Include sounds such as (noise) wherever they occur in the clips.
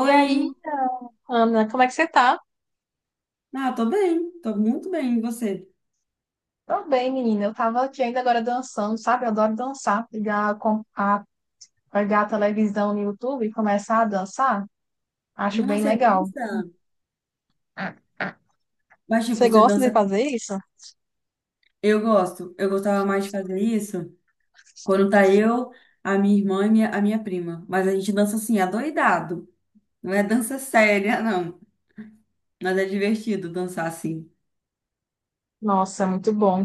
E aí, Ana, como é que você tá? Ah, tô bem, tô muito bem. E você? Tô bem, menina. Eu tava aqui ainda agora dançando, sabe? Eu adoro dançar. Pegar a televisão no YouTube e começar a dançar, acho Ah, bem você legal. dança? Mas, tipo, Você você gosta de dança. fazer isso? Eu gosto, eu gostava mais de fazer isso quando tá eu, a minha irmã e a minha prima. Mas a gente dança assim, adoidado. Não é dança (laughs) séria, não. Mas é divertido dançar assim. Nossa, é muito bom.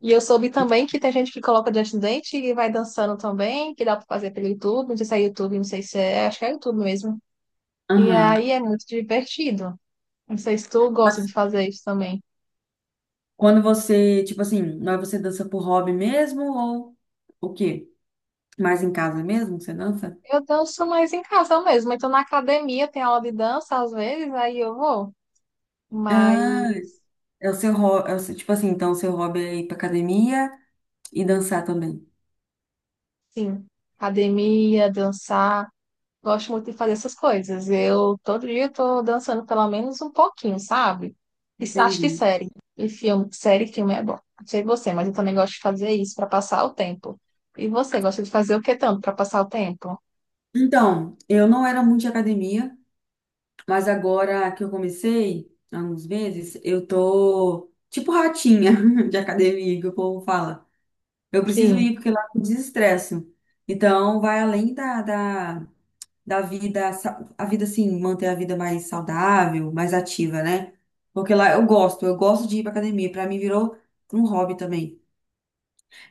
E eu soube também que tem gente que coloca diante do dente e vai dançando também, que dá pra fazer pelo YouTube. Não sei se é YouTube, não sei se é. Acho que é YouTube mesmo. E Aham. aí é muito divertido. Não sei se tu gosta Mas de fazer isso também. quando você, tipo assim, não é você dança por hobby mesmo ou o quê? Mais em casa mesmo que você dança? Eu danço mais em casa mesmo. Então, na academia tem aula de dança às vezes, aí eu vou. Mas, Ah, é o seu hobby, tipo assim, então o seu hobby é ir pra academia e dançar também. sim, academia, dançar, gosto muito de fazer essas coisas. Eu todo dia estou dançando pelo menos um pouquinho, sabe? E acho de Entendi. série. E filme, série, filme é bom. Não sei você, mas eu também gosto de fazer isso para passar o tempo. E você gosta de fazer o que tanto para passar o tempo? Então, eu não era muito de academia, mas agora que eu comecei, há uns meses, eu tô tipo ratinha (laughs) de academia, que o povo fala. Eu preciso Sim. ir porque lá eu desestresso. Então, vai além da vida, a vida assim, manter a vida mais saudável, mais ativa, né? Porque lá eu gosto de ir pra academia. Pra mim virou um hobby também.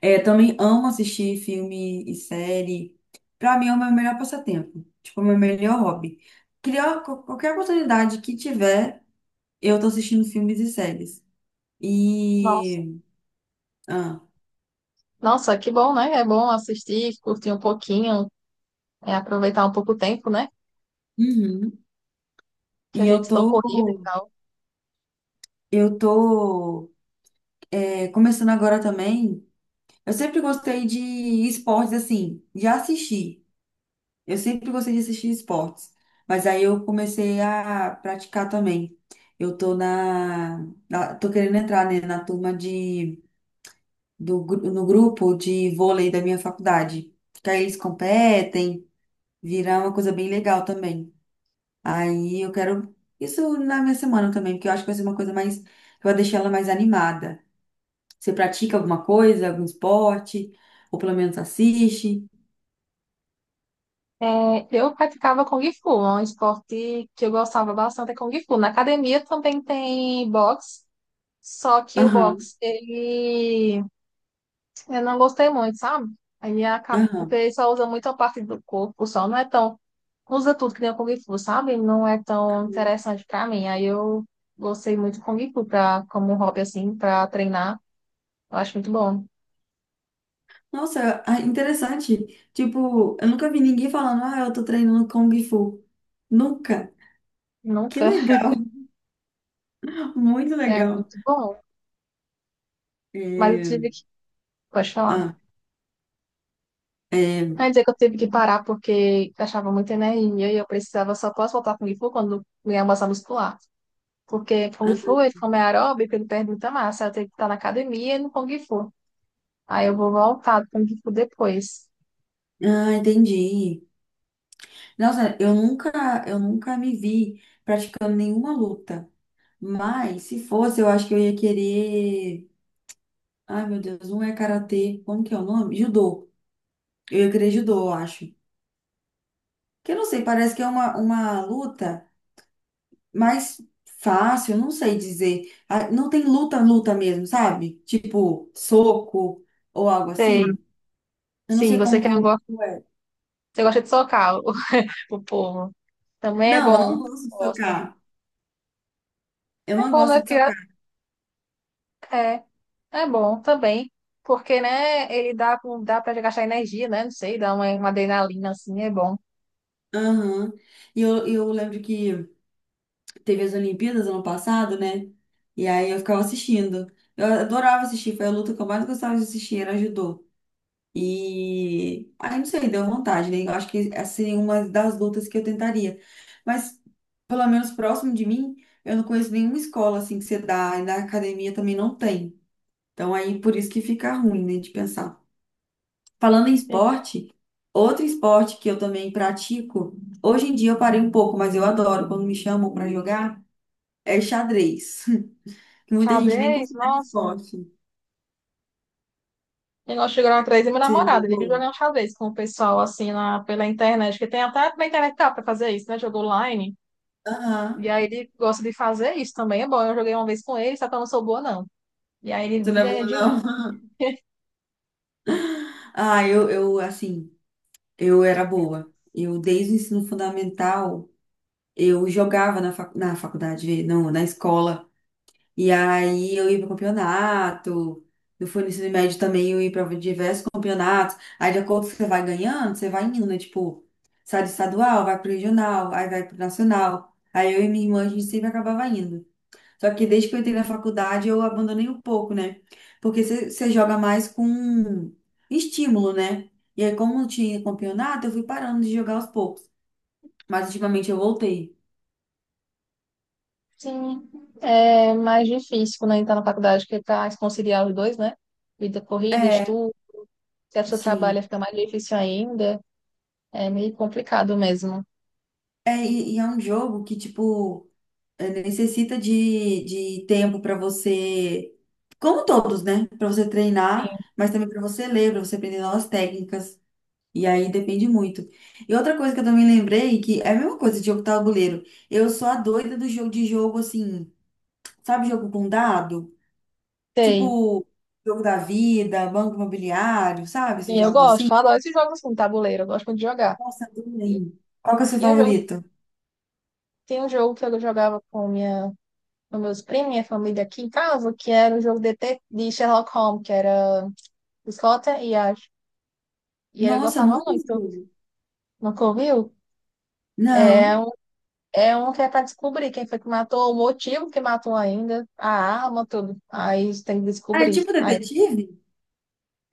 É, também amo assistir filme e série. Pra mim é o meu melhor passatempo. Tipo, o meu melhor hobby. Criar qualquer oportunidade que tiver, eu tô assistindo filmes e séries. Nossa. E. Ah, Nossa, que bom, né? É bom assistir, curtir um pouquinho, é aproveitar um pouco o tempo, né? uhum. Que a E gente eu estancou tô. corrida e tal. Eu tô. É, começando agora também. Eu sempre gostei de esportes assim, de assistir. Eu sempre gostei de assistir esportes, mas aí eu comecei a praticar também. Eu tô na, na- Tô querendo entrar, né, na turma de no grupo de vôlei da minha faculdade. Que aí eles competem, virar uma coisa bem legal também. Aí eu quero isso na minha semana também, porque eu acho que vai ser uma coisa mais que vai deixar ela mais animada. Você pratica alguma coisa, algum esporte, ou pelo menos assiste? É, eu praticava Kung Fu, é um esporte que eu gostava bastante, é Kung Fu. Na academia também tem boxe, só que o Aham, boxe, ele... eu não gostei muito, sabe? Aí acaba, porque aham. ele só usa muito a parte do corpo, só não é tão... Usa tudo que nem o Kung Fu, sabe? Não é tão interessante pra mim. Aí eu gostei muito do Kung Fu pra, como um hobby, assim, pra treinar. Eu acho muito bom. Nossa, ah, interessante. Tipo, eu nunca vi ninguém falando, ah, eu tô treinando Kung Fu. Nunca. Que Nunca legal, (laughs) muito (laughs) é legal. muito bom. Mas eu É, tive que... Pode falar. ah, é, Aí dizer que eu tive que parar porque achava muita energia e eu precisava, só posso voltar com o Kung Fu quando ganhar massa muscular. Porque Kung ah, Fu, ele como é aeróbico, ele perde muita massa. Eu tenho que estar na academia e no Kung Fu. Aí eu vou voltar do Kung Fu depois. ah, entendi. Nossa, eu nunca me vi praticando nenhuma luta. Mas se fosse, eu acho que eu ia querer. Ai, meu Deus, um é karatê. Como que é o nome? Judô. Eu ia querer judô, eu acho. Que eu não sei, parece que é uma luta mais fácil, não sei dizer. Ah, não tem luta, luta mesmo, sabe? Tipo, soco ou algo Sei. assim. Eu não Sim, sei você quer, você como é. gosta de socar o, (laughs) o povo. Também é Não, eu bom. não gosto de Gosto. socar. Eu É não bom, né? gosto de Porque socar. é, é bom também. Porque, né, ele dá pra gastar energia, né? Não sei, dá uma adrenalina assim, é bom. Aham. E eu lembro que teve as Olimpíadas ano passado, né? E aí eu ficava assistindo. Eu adorava assistir, foi a luta que eu mais gostava de assistir, era judô. E aí, não sei, deu vontade, né? Eu acho que essa seria uma das lutas que eu tentaria. Mas, pelo menos próximo de mim, eu não conheço nenhuma escola assim que você dá, e na academia também não tem. Então, aí por isso que fica ruim, né, de pensar. Falando em esporte, outro esporte que eu também pratico, hoje em dia eu parei um pouco, mas eu adoro quando me chamam para jogar, é xadrez. (laughs) Que muita gente nem Xadrez, considera nossa. esporte. E nós chegamos atrás e meu Você já namorado, ele viu jogou? jogar um xadrez com o pessoal assim pela internet, que tem até na internet dá pra fazer isso, né? Jogo online. E Aham. aí ele gosta de fazer isso também. É bom, eu joguei uma vez com ele, só que eu não sou boa, não. E aí ele Você me não é ganha boa, de mim. não? (laughs) Ah, eu assim. Eu era boa. Eu, desde o ensino fundamental, eu jogava na faculdade, não, na escola. E aí eu ia para campeonato. Eu fui no ensino médio também, eu ia para diversos campeonatos. Aí, de acordo com o que você vai ganhando, você vai indo, né? Tipo, sai do estadual, vai pro regional, aí vai pro nacional. Aí eu e minha irmã, a gente sempre acabava indo. Só que desde que eu entrei na faculdade, eu abandonei um pouco, né? Porque você joga mais com estímulo, né? E aí, como não tinha campeonato, eu fui parando de jogar aos poucos. Mas ultimamente eu voltei. Sim, é mais difícil quando a gente tá na faculdade, que tá conciliar os dois, né? Vida corrida, É, estudo. Se a pessoa sim. trabalha, fica mais difícil ainda. É meio complicado mesmo. É, e é um jogo que, tipo, é, necessita de tempo pra você, como todos, né? Pra você treinar, mas também pra você ler, pra você aprender novas técnicas. E aí depende muito. E outra coisa que eu também lembrei, que é a mesma coisa de jogo tabuleiro. Eu sou a doida do jogo, assim, sabe, jogo com dado? Sei. Tipo, jogo da vida, banco imobiliário, sabe? E Esses eu jogos gosto, assim. eu adoro esses jogos assim, tabuleiro, eu gosto muito de jogar. Nossa, E adorei. Qual que é o seu tinha jogo, favorito? tinha um jogo que eu jogava com minha dos meus primos, minha família aqui em casa, que era o jogo de Sherlock Holmes, que era Scott e Ash. E ele Nossa, eu gostava nunca vi esse muito. jogo. Nunca ouviu? Não. É um que é pra descobrir quem foi que matou, o motivo que matou ainda, a arma, tudo. Aí tem que Ah, é descobrir. tipo Aí, detetive?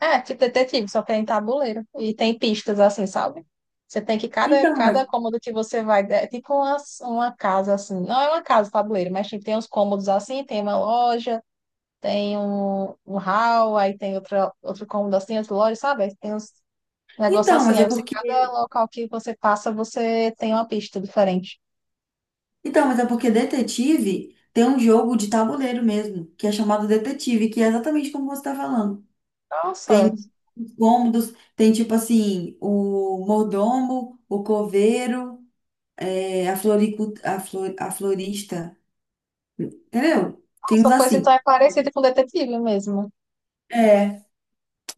é, tipo detetive, só que é em tabuleiro. E tem pistas assim, sabe? Você tem que, cada, Então, mas. cada cômodo que você vai, é tipo uma casa assim. Não é uma casa, tabuleiro, mas tipo, tem uns cômodos assim, tem uma loja. Tem um hall, aí tem outro cômodo assim, outro lodge, sabe? Aí tem uns negócios Então, mas assim. é Aí você, porque. cada local que você passa, você tem uma pista diferente. Então, mas é porque detetive tem um jogo de tabuleiro mesmo, que é chamado detetive, que é exatamente como você está falando. Nossa, Tem os cômodos, tem tipo assim, o mordomo, o coveiro, é, a florista, entendeu? Tem uns nossa, pois então assim. é parecido com detetive mesmo. É,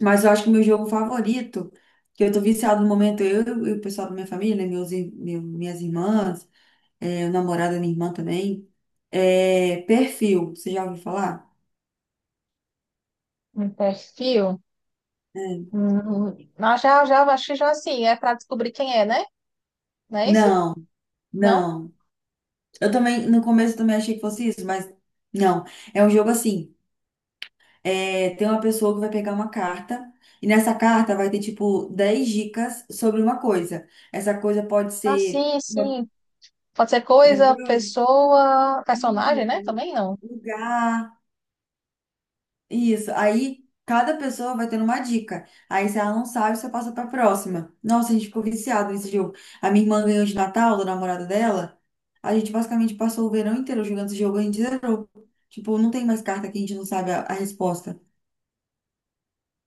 mas eu acho que o meu jogo favorito, que eu tô viciado no momento, eu e o pessoal da minha família, né, minhas irmãs, é, o namorado da minha irmã também, é perfil, você já ouviu falar? Um perfil. É. Ah, já, acho que já assim, é para descobrir quem é, né? Não é esse? Não, Não? não. Eu também, no começo eu também achei que fosse isso, mas não. É um jogo assim. É, tem uma pessoa que vai pegar uma carta, e nessa carta vai ter, tipo, 10 dicas sobre uma coisa. Essa coisa pode Ah, ser. sim, sim. Pode ser coisa, Lembrou? pessoa, personagem, né? Isso, Também não. lugar, isso. Aí cada pessoa vai tendo uma dica. Aí se ela não sabe, você passa pra próxima. Nossa, a gente ficou viciado nesse jogo. A minha irmã ganhou de Natal, do namorado dela. A gente basicamente passou o verão inteiro jogando esse jogo, a gente zerou. Tipo, não tem mais carta que a gente não sabe a resposta.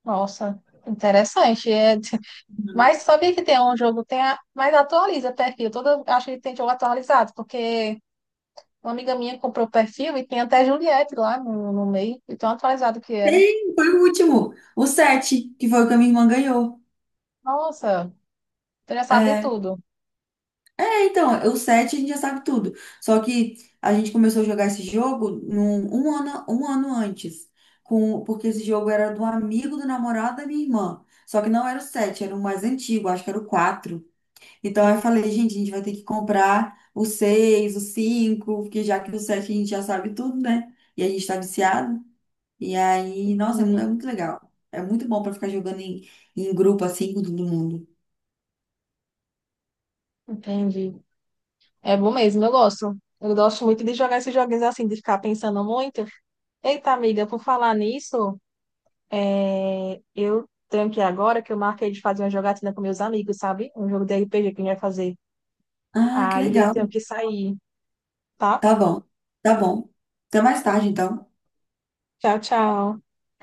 Nossa, interessante. É, (laughs) mas sabia que tem um jogo, tem a, mas atualiza perfil. Toda, acho que tem jogo atualizado, porque uma amiga minha comprou perfil e tem até Juliette lá no meio, e tão atualizado que era. Tem, foi o último. O 7, que foi o que a minha irmã ganhou. Nossa, então já sabe de É, tudo. Então, o 7 a gente já sabe tudo. Só que a gente começou a jogar esse jogo um ano antes. Porque esse jogo era do amigo do namorado da minha irmã. Só que não era o 7, era o mais antigo, acho que era o 4. Então eu falei, gente, a gente vai ter que comprar o 6, o 5, porque já que o 7 a gente já sabe tudo, né? E a gente tá viciado. E aí, nossa, Entendi. é muito legal. É muito bom pra ficar jogando em grupo assim com todo mundo. Entendi. É bom mesmo, eu gosto. Eu gosto muito de jogar esses joguinhos assim, de ficar pensando muito. Eita, amiga, por falar nisso, eu tenho que ir agora que eu marquei de fazer uma jogatina com meus amigos, sabe? Um jogo de RPG que a gente vai fazer. Ah, que Aí eu tenho legal. que sair, tá? Tá bom. Tá bom. Até mais tarde, então. Tchau, tchau.